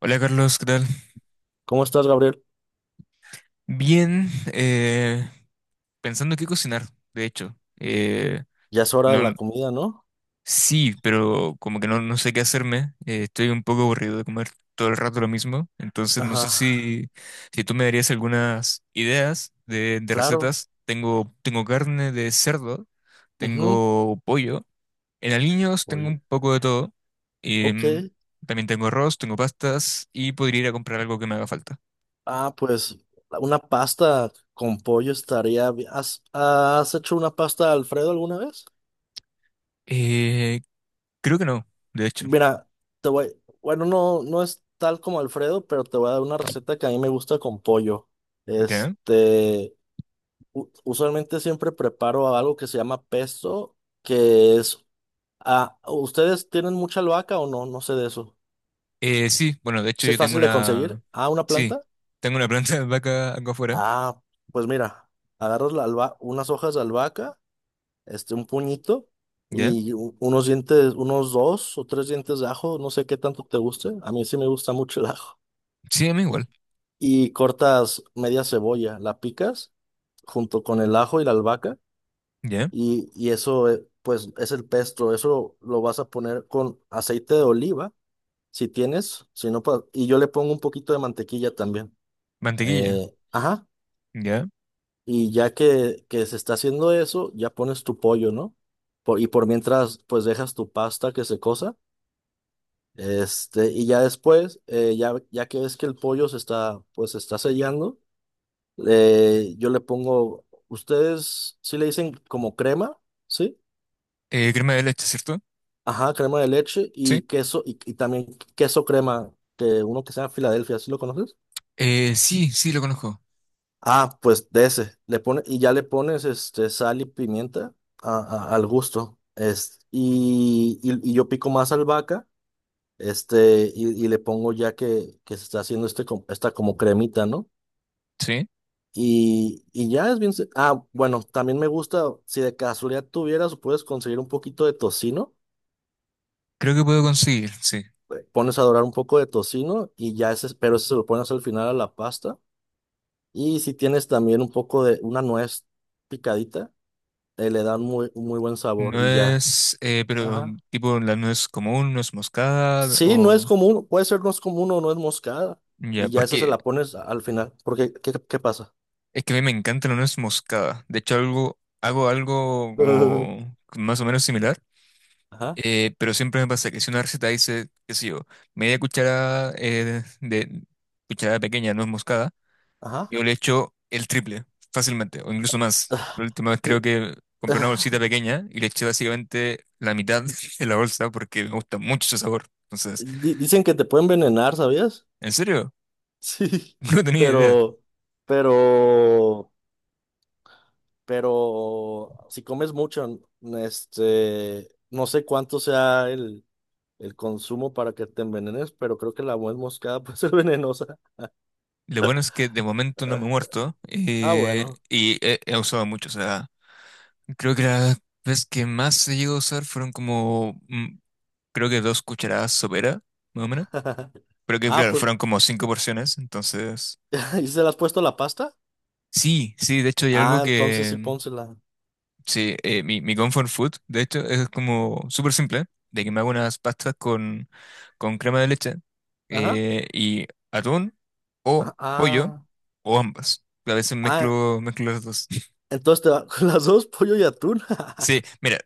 Hola Carlos, ¿qué tal? ¿Cómo estás, Gabriel? Bien, pensando qué cocinar, de hecho. Ya es hora de No, la comida, ¿no? sí, pero como que no sé qué hacerme. Estoy un poco aburrido de comer todo el rato lo mismo. Entonces no Ajá, sé si tú me darías algunas ideas de claro. recetas. Tengo carne de cerdo, Ujú. tengo pollo. En aliños tengo Oye, un poco de todo. em, ok. También tengo arroz, tengo pastas y podría ir a comprar algo que me haga falta. Ah, pues una pasta con pollo estaría bien. ¿Has hecho una pasta Alfredo alguna vez? Eh, Creo que no, de hecho. Mira, te voy. Bueno, no es tal como Alfredo, pero te voy a dar una receta que a mí me gusta con pollo. ¿Ya? Este, usualmente siempre preparo algo que se llama pesto, que es. Ah, ¿ustedes tienen mucha albahaca o no? No sé de eso. Sí, bueno, de hecho Si es yo tengo fácil de conseguir. una... Ah, una Sí, planta. tengo una planta de vaca acá afuera. Ah, pues mira, agarras la unas hojas de albahaca, un puñito ¿Ya? y unos dientes, unos dos o tres dientes de ajo, no sé qué tanto te guste. A mí sí me gusta mucho el ajo. Sí, a mí Y, igual. y cortas media cebolla, la picas junto con el ajo y la albahaca ¿Ya? y eso, pues, es el pesto. Eso lo vas a poner con aceite de oliva, si tienes, si no, pues, y yo le pongo un poquito de mantequilla también. Mantequilla. Ajá. ¿Ya? Y ya que se está haciendo eso, ya pones tu pollo, ¿no? Y por mientras, pues dejas tu pasta que se cosa. Este, y ya después, ya, ya que ves que el pollo se está, pues se está sellando, yo le pongo, ustedes sí le dicen como crema, ¿sí? Crema de leche, ¿cierto? Ajá, crema de leche Sí. y queso, y también queso crema, que uno que sea Filadelfia, ¿sí lo conoces? Sí, sí, lo conozco. Ah, pues de ese. Le pone, y ya le pones este, sal y pimienta a- al gusto. Es, y yo pico más albahaca, este, y le pongo ya que se está haciendo este, esta como cremita, ¿no? Sí. Y ya es bien. Ah, bueno, también me gusta, si de casualidad tuvieras, puedes conseguir un poquito de tocino. Creo que puedo conseguir, sí. Pones a dorar un poco de tocino y ya ese, pero ese se lo pones al final a la pasta. Y si tienes también un poco de una nuez picadita le dan muy, muy buen sabor No y ya. es, pero Ajá. tipo la nuez común, nuez moscada Sí, no es o... común, puede ser no es común o no es moscada Ya, y ya esa se porque la pones al final, porque ¿qué pasa? es que a mí me encanta la nuez moscada. De hecho, algo, hago algo como más o menos similar. Ajá, Pero siempre me pasa que si una receta dice, qué sé yo, media cuchara de cucharada pequeña, no es moscada, ajá. yo le echo el triple fácilmente, o incluso más. La última vez creo que compré una bolsita pequeña y le eché básicamente la mitad de la bolsa porque me gusta mucho ese sabor. Entonces, Dicen que te pueden envenenar, ¿sabías? ¿en serio? Sí, No tenía idea. pero, pero, pero si comes mucho, este, no sé cuánto sea el consumo para que te envenenes, pero creo que la nuez moscada puede ser venenosa. Lo bueno es que de momento no me he muerto Ah, bueno. y he usado mucho. O sea, creo que la vez que más he llegado a usar fueron como creo que dos cucharadas sopera, más o menos. Pero que Ah, claro, pues, fueron como cinco porciones, entonces... ¿y se le has puesto la pasta? Sí, sí, de hecho hay algo Ah, entonces que... sí, pónsela. Sí, mi comfort food, de hecho, es como súper simple, de que me hago unas pastas con crema de leche Ajá. Y atún o Ah, pollo ah, o ambas. A veces ah, mezclo, mezclo las dos. entonces te va con las dos, pollo y atún. Sí, mira,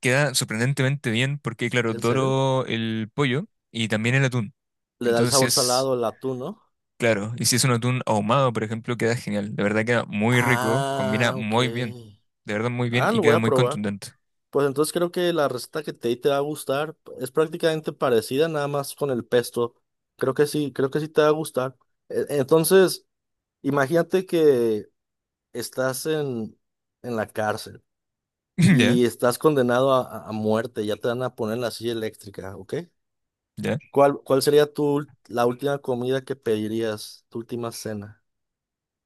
queda sorprendentemente bien porque, claro, ¿En serio? doro el pollo y también el atún. Le da el Entonces, sí sabor es... salado el atún, ¿no? Claro, y si es un atún ahumado, por ejemplo, queda genial. De verdad queda muy rico, combina Ah, ok. muy bien. De verdad muy bien Ah, y lo voy queda a muy probar. contundente. Pues entonces creo que la receta que te di te va a gustar. Es prácticamente parecida, nada más con el pesto. Creo que sí te va a gustar. Entonces, imagínate que estás en la cárcel. Ya, Y estás condenado a muerte, ya te van a poner en la silla eléctrica, ¿ok? ya. ¿Cuál sería tu, la última comida que pedirías, tu última cena?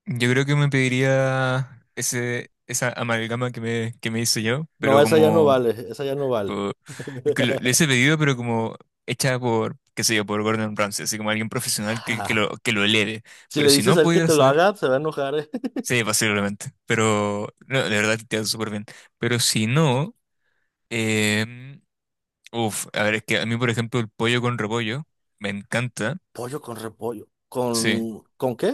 Yo creo que me pediría ese, esa amalgama que me hice yo, No, pero esa ya no como... vale, esa ya no vale. por- es que le hice pedido, pero como hecha por, qué sé yo, por Gordon Ramsay, así como alguien profesional que lo eleve. Si Pero le si dices no a él que pudiera te lo acceder, haga, se va a enojar, ¿eh? sí, posiblemente. Pero no, de verdad queda súper bien. Pero si no... em, Uf, a ver, es que a mí, por ejemplo, el pollo con repollo me encanta. Pollo con repollo. Sí, Con qué?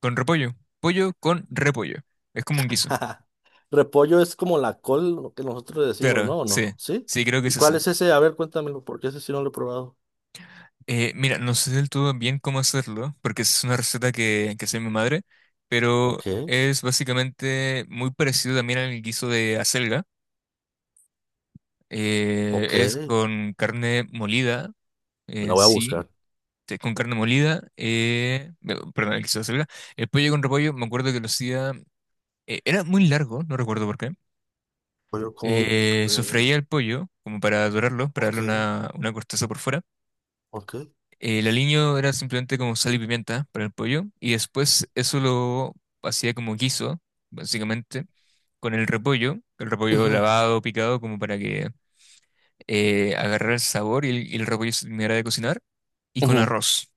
con repollo. Pollo con repollo. Es como un guiso. Repollo es como la col, lo que nosotros le decimos, Claro, ¿no? ¿O sí. no? ¿Sí? Sí, creo que ¿Y es cuál esa. es ese? A ver, cuéntamelo, porque ese sí no lo he probado. Mira, no sé del todo bien cómo hacerlo, porque es una receta que hace mi madre, pero Ok, es básicamente muy parecido también al guiso de acelga. Ok, Es con carne molida la en voy a sí, buscar. sí, con carne molida, perdón, el guiso de acelga. El pollo con repollo, me acuerdo que lo hacía era muy largo, no recuerdo por qué. Pollo con repollo. Sofreía el pollo, como para dorarlo, para darle Ok, una corteza por fuera. ok. El aliño era simplemente como sal y pimienta para el pollo. Y después eso lo hacía como guiso, básicamente, con el repollo. El repollo Ujú. lavado, picado, como para que agarrara el sabor y y el repollo se terminara de cocinar. Y con Ujú. arroz.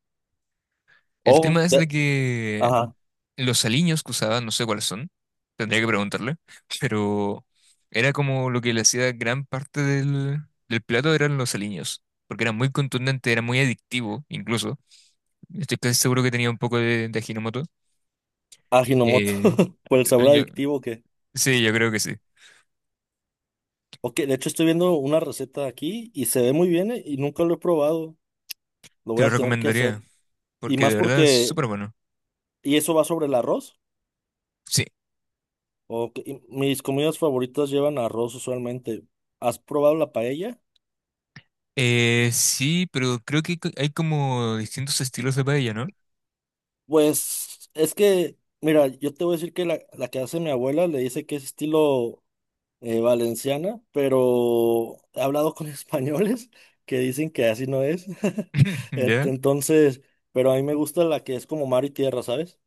El tema Oh, es de que ajá, los aliños que usaba, no sé cuáles son, tendría que preguntarle, pero era como lo que le hacía gran parte del plato eran los aliños, porque era muy contundente, era muy adictivo incluso. Estoy casi seguro que tenía un poco de Ajinomoto. Ajinomoto, Eh, por el sabor yo- adictivo que... sí, yo creo que sí. Ok, de hecho estoy viendo una receta aquí y se ve muy bien y nunca lo he probado. Lo Te voy lo a tener que hacer. recomendaría, Y porque de más verdad es porque... súper bueno. ¿Y eso va sobre el arroz? Sí, Ok, y mis comidas favoritas llevan arroz usualmente. ¿Has probado la paella? Sí, pero creo que hay como distintos estilos de paella, ¿no? Pues es que, mira, yo te voy a decir que la que hace mi abuela le dice que es estilo valenciana, pero he hablado con españoles que dicen que así no es. Ya, Entonces, pero a mí me gusta la que es como mar y tierra, ¿sabes?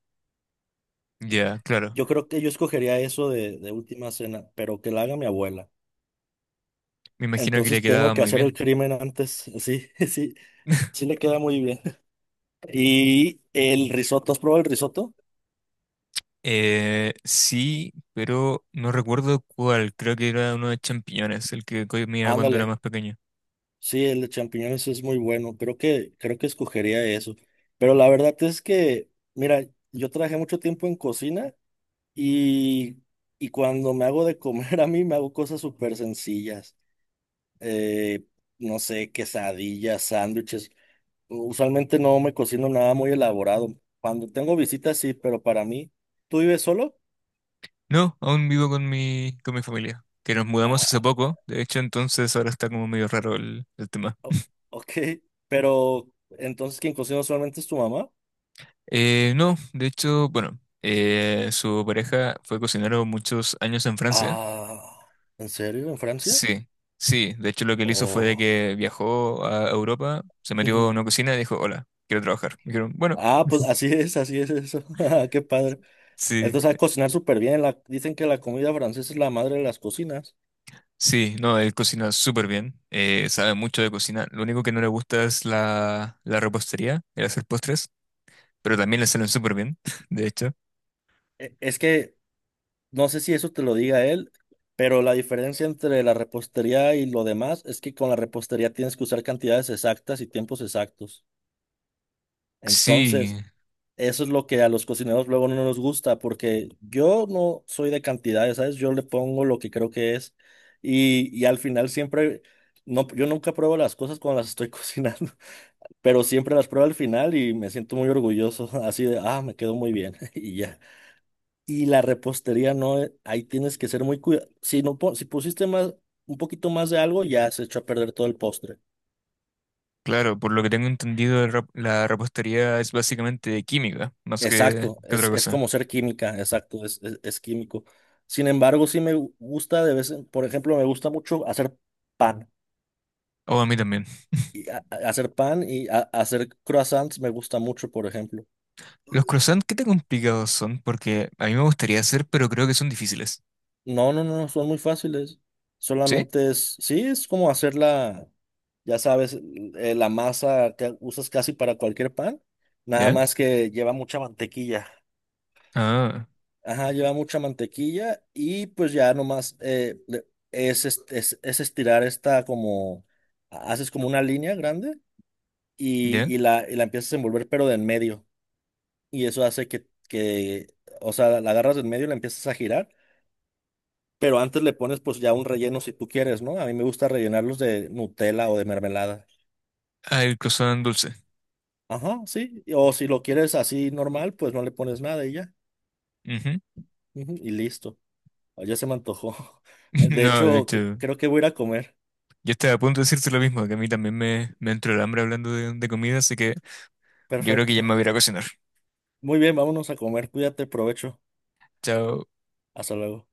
ya, claro. Yo creo que yo escogería eso de última cena, pero que la haga mi abuela. Me imagino que le Entonces tengo quedaba que muy hacer el bien. crimen antes. Sí, sí, sí le queda muy bien. Y el risotto, ¿has probado el risotto? Sí, pero no recuerdo cuál. Creo que era uno de champiñones, el que comía cuando era Ándale. más pequeño. Sí, el de champiñones es muy bueno. Creo que escogería eso. Pero la verdad es que, mira, yo trabajé mucho tiempo en cocina Y, y cuando me hago de comer a mí, me hago cosas súper sencillas. Eh, no sé, quesadillas, sándwiches. Usualmente no me cocino nada muy elaborado. Cuando tengo visitas, sí, pero para mí, ¿tú vives solo? No, aún vivo con con mi familia, que nos mudamos hace Ah, poco. De hecho, entonces ahora está como medio raro el tema. o- ok, pero entonces quien cocina usualmente es tu mamá. No, de hecho, bueno, su pareja fue cocinero muchos años en Francia. Ah, ¿en serio? ¿En Francia? Sí, sí. De hecho, lo que él hizo fue de Oh. que viajó a Europa, se metió en Ujú. una cocina y dijo, hola, quiero trabajar. Me dijeron, bueno. Ah, pues así es eso. Qué padre. Sí. Entonces, a cocinar súper bien. La, dicen que la comida francesa es la madre de las cocinas. Sí, no, él cocina súper bien, sabe mucho de cocina. Lo único que no le gusta es la repostería, el hacer postres, pero también le salen súper bien, de hecho. Es que no sé si eso te lo diga él, pero la diferencia entre la repostería y lo demás es que con la repostería tienes que usar cantidades exactas y tiempos exactos. Entonces, Sí, eso es lo que a los cocineros luego no nos gusta, porque yo no soy de cantidades, ¿sabes? Yo le pongo lo que creo que es y al final siempre, no, yo nunca pruebo las cosas cuando las estoy cocinando, pero siempre las pruebo al final y me siento muy orgulloso, así de, ah, me quedó muy bien y ya. Y la repostería no, ahí tienes que ser muy cuidado. Si no, si pusiste más, un poquito más de algo, ya se echó a perder todo el postre. claro, por lo que tengo entendido, la repostería es básicamente química, más Exacto, que otra es cosa. como ser química, exacto, es químico. Sin embargo, sí me gusta de vez en, por ejemplo, me gusta mucho hacer pan. O a mí también. Y hacer pan y hacer croissants me gusta mucho, por ejemplo. Los croissants, ¿qué tan complicados son? Porque a mí me gustaría hacer, pero creo que son difíciles. No, son muy fáciles. ¿Sí? Solamente es, sí, es como hacerla, ya sabes, la masa que usas casi para cualquier pan, nada ¿Ya? más que lleva mucha mantequilla. Ah, Ajá, lleva mucha mantequilla y pues ya nomás es, es estirar esta como, haces como una línea grande ¿ya? y y la empiezas a envolver pero de en medio. Y eso hace o sea, la agarras de en medio y la empiezas a girar. Pero antes le pones pues ya un relleno si tú quieres, ¿no? A mí me gusta rellenarlos de Nutella o de mermelada. Ah, el croissant dulce. Ajá, sí. O si lo quieres así normal, pues no le pones nada y ya. Ujú. Ujú, y listo. Ah, ya se me antojó. De No, de hecho, hecho. creo que voy a ir a comer. Yo estaba a punto de decirte lo mismo, que a mí también me entró el hambre hablando de comida, así que yo creo que ya me Perfecto. voy a ir a cocinar. Muy bien, vámonos a comer. Cuídate, provecho. Chao. Hasta luego.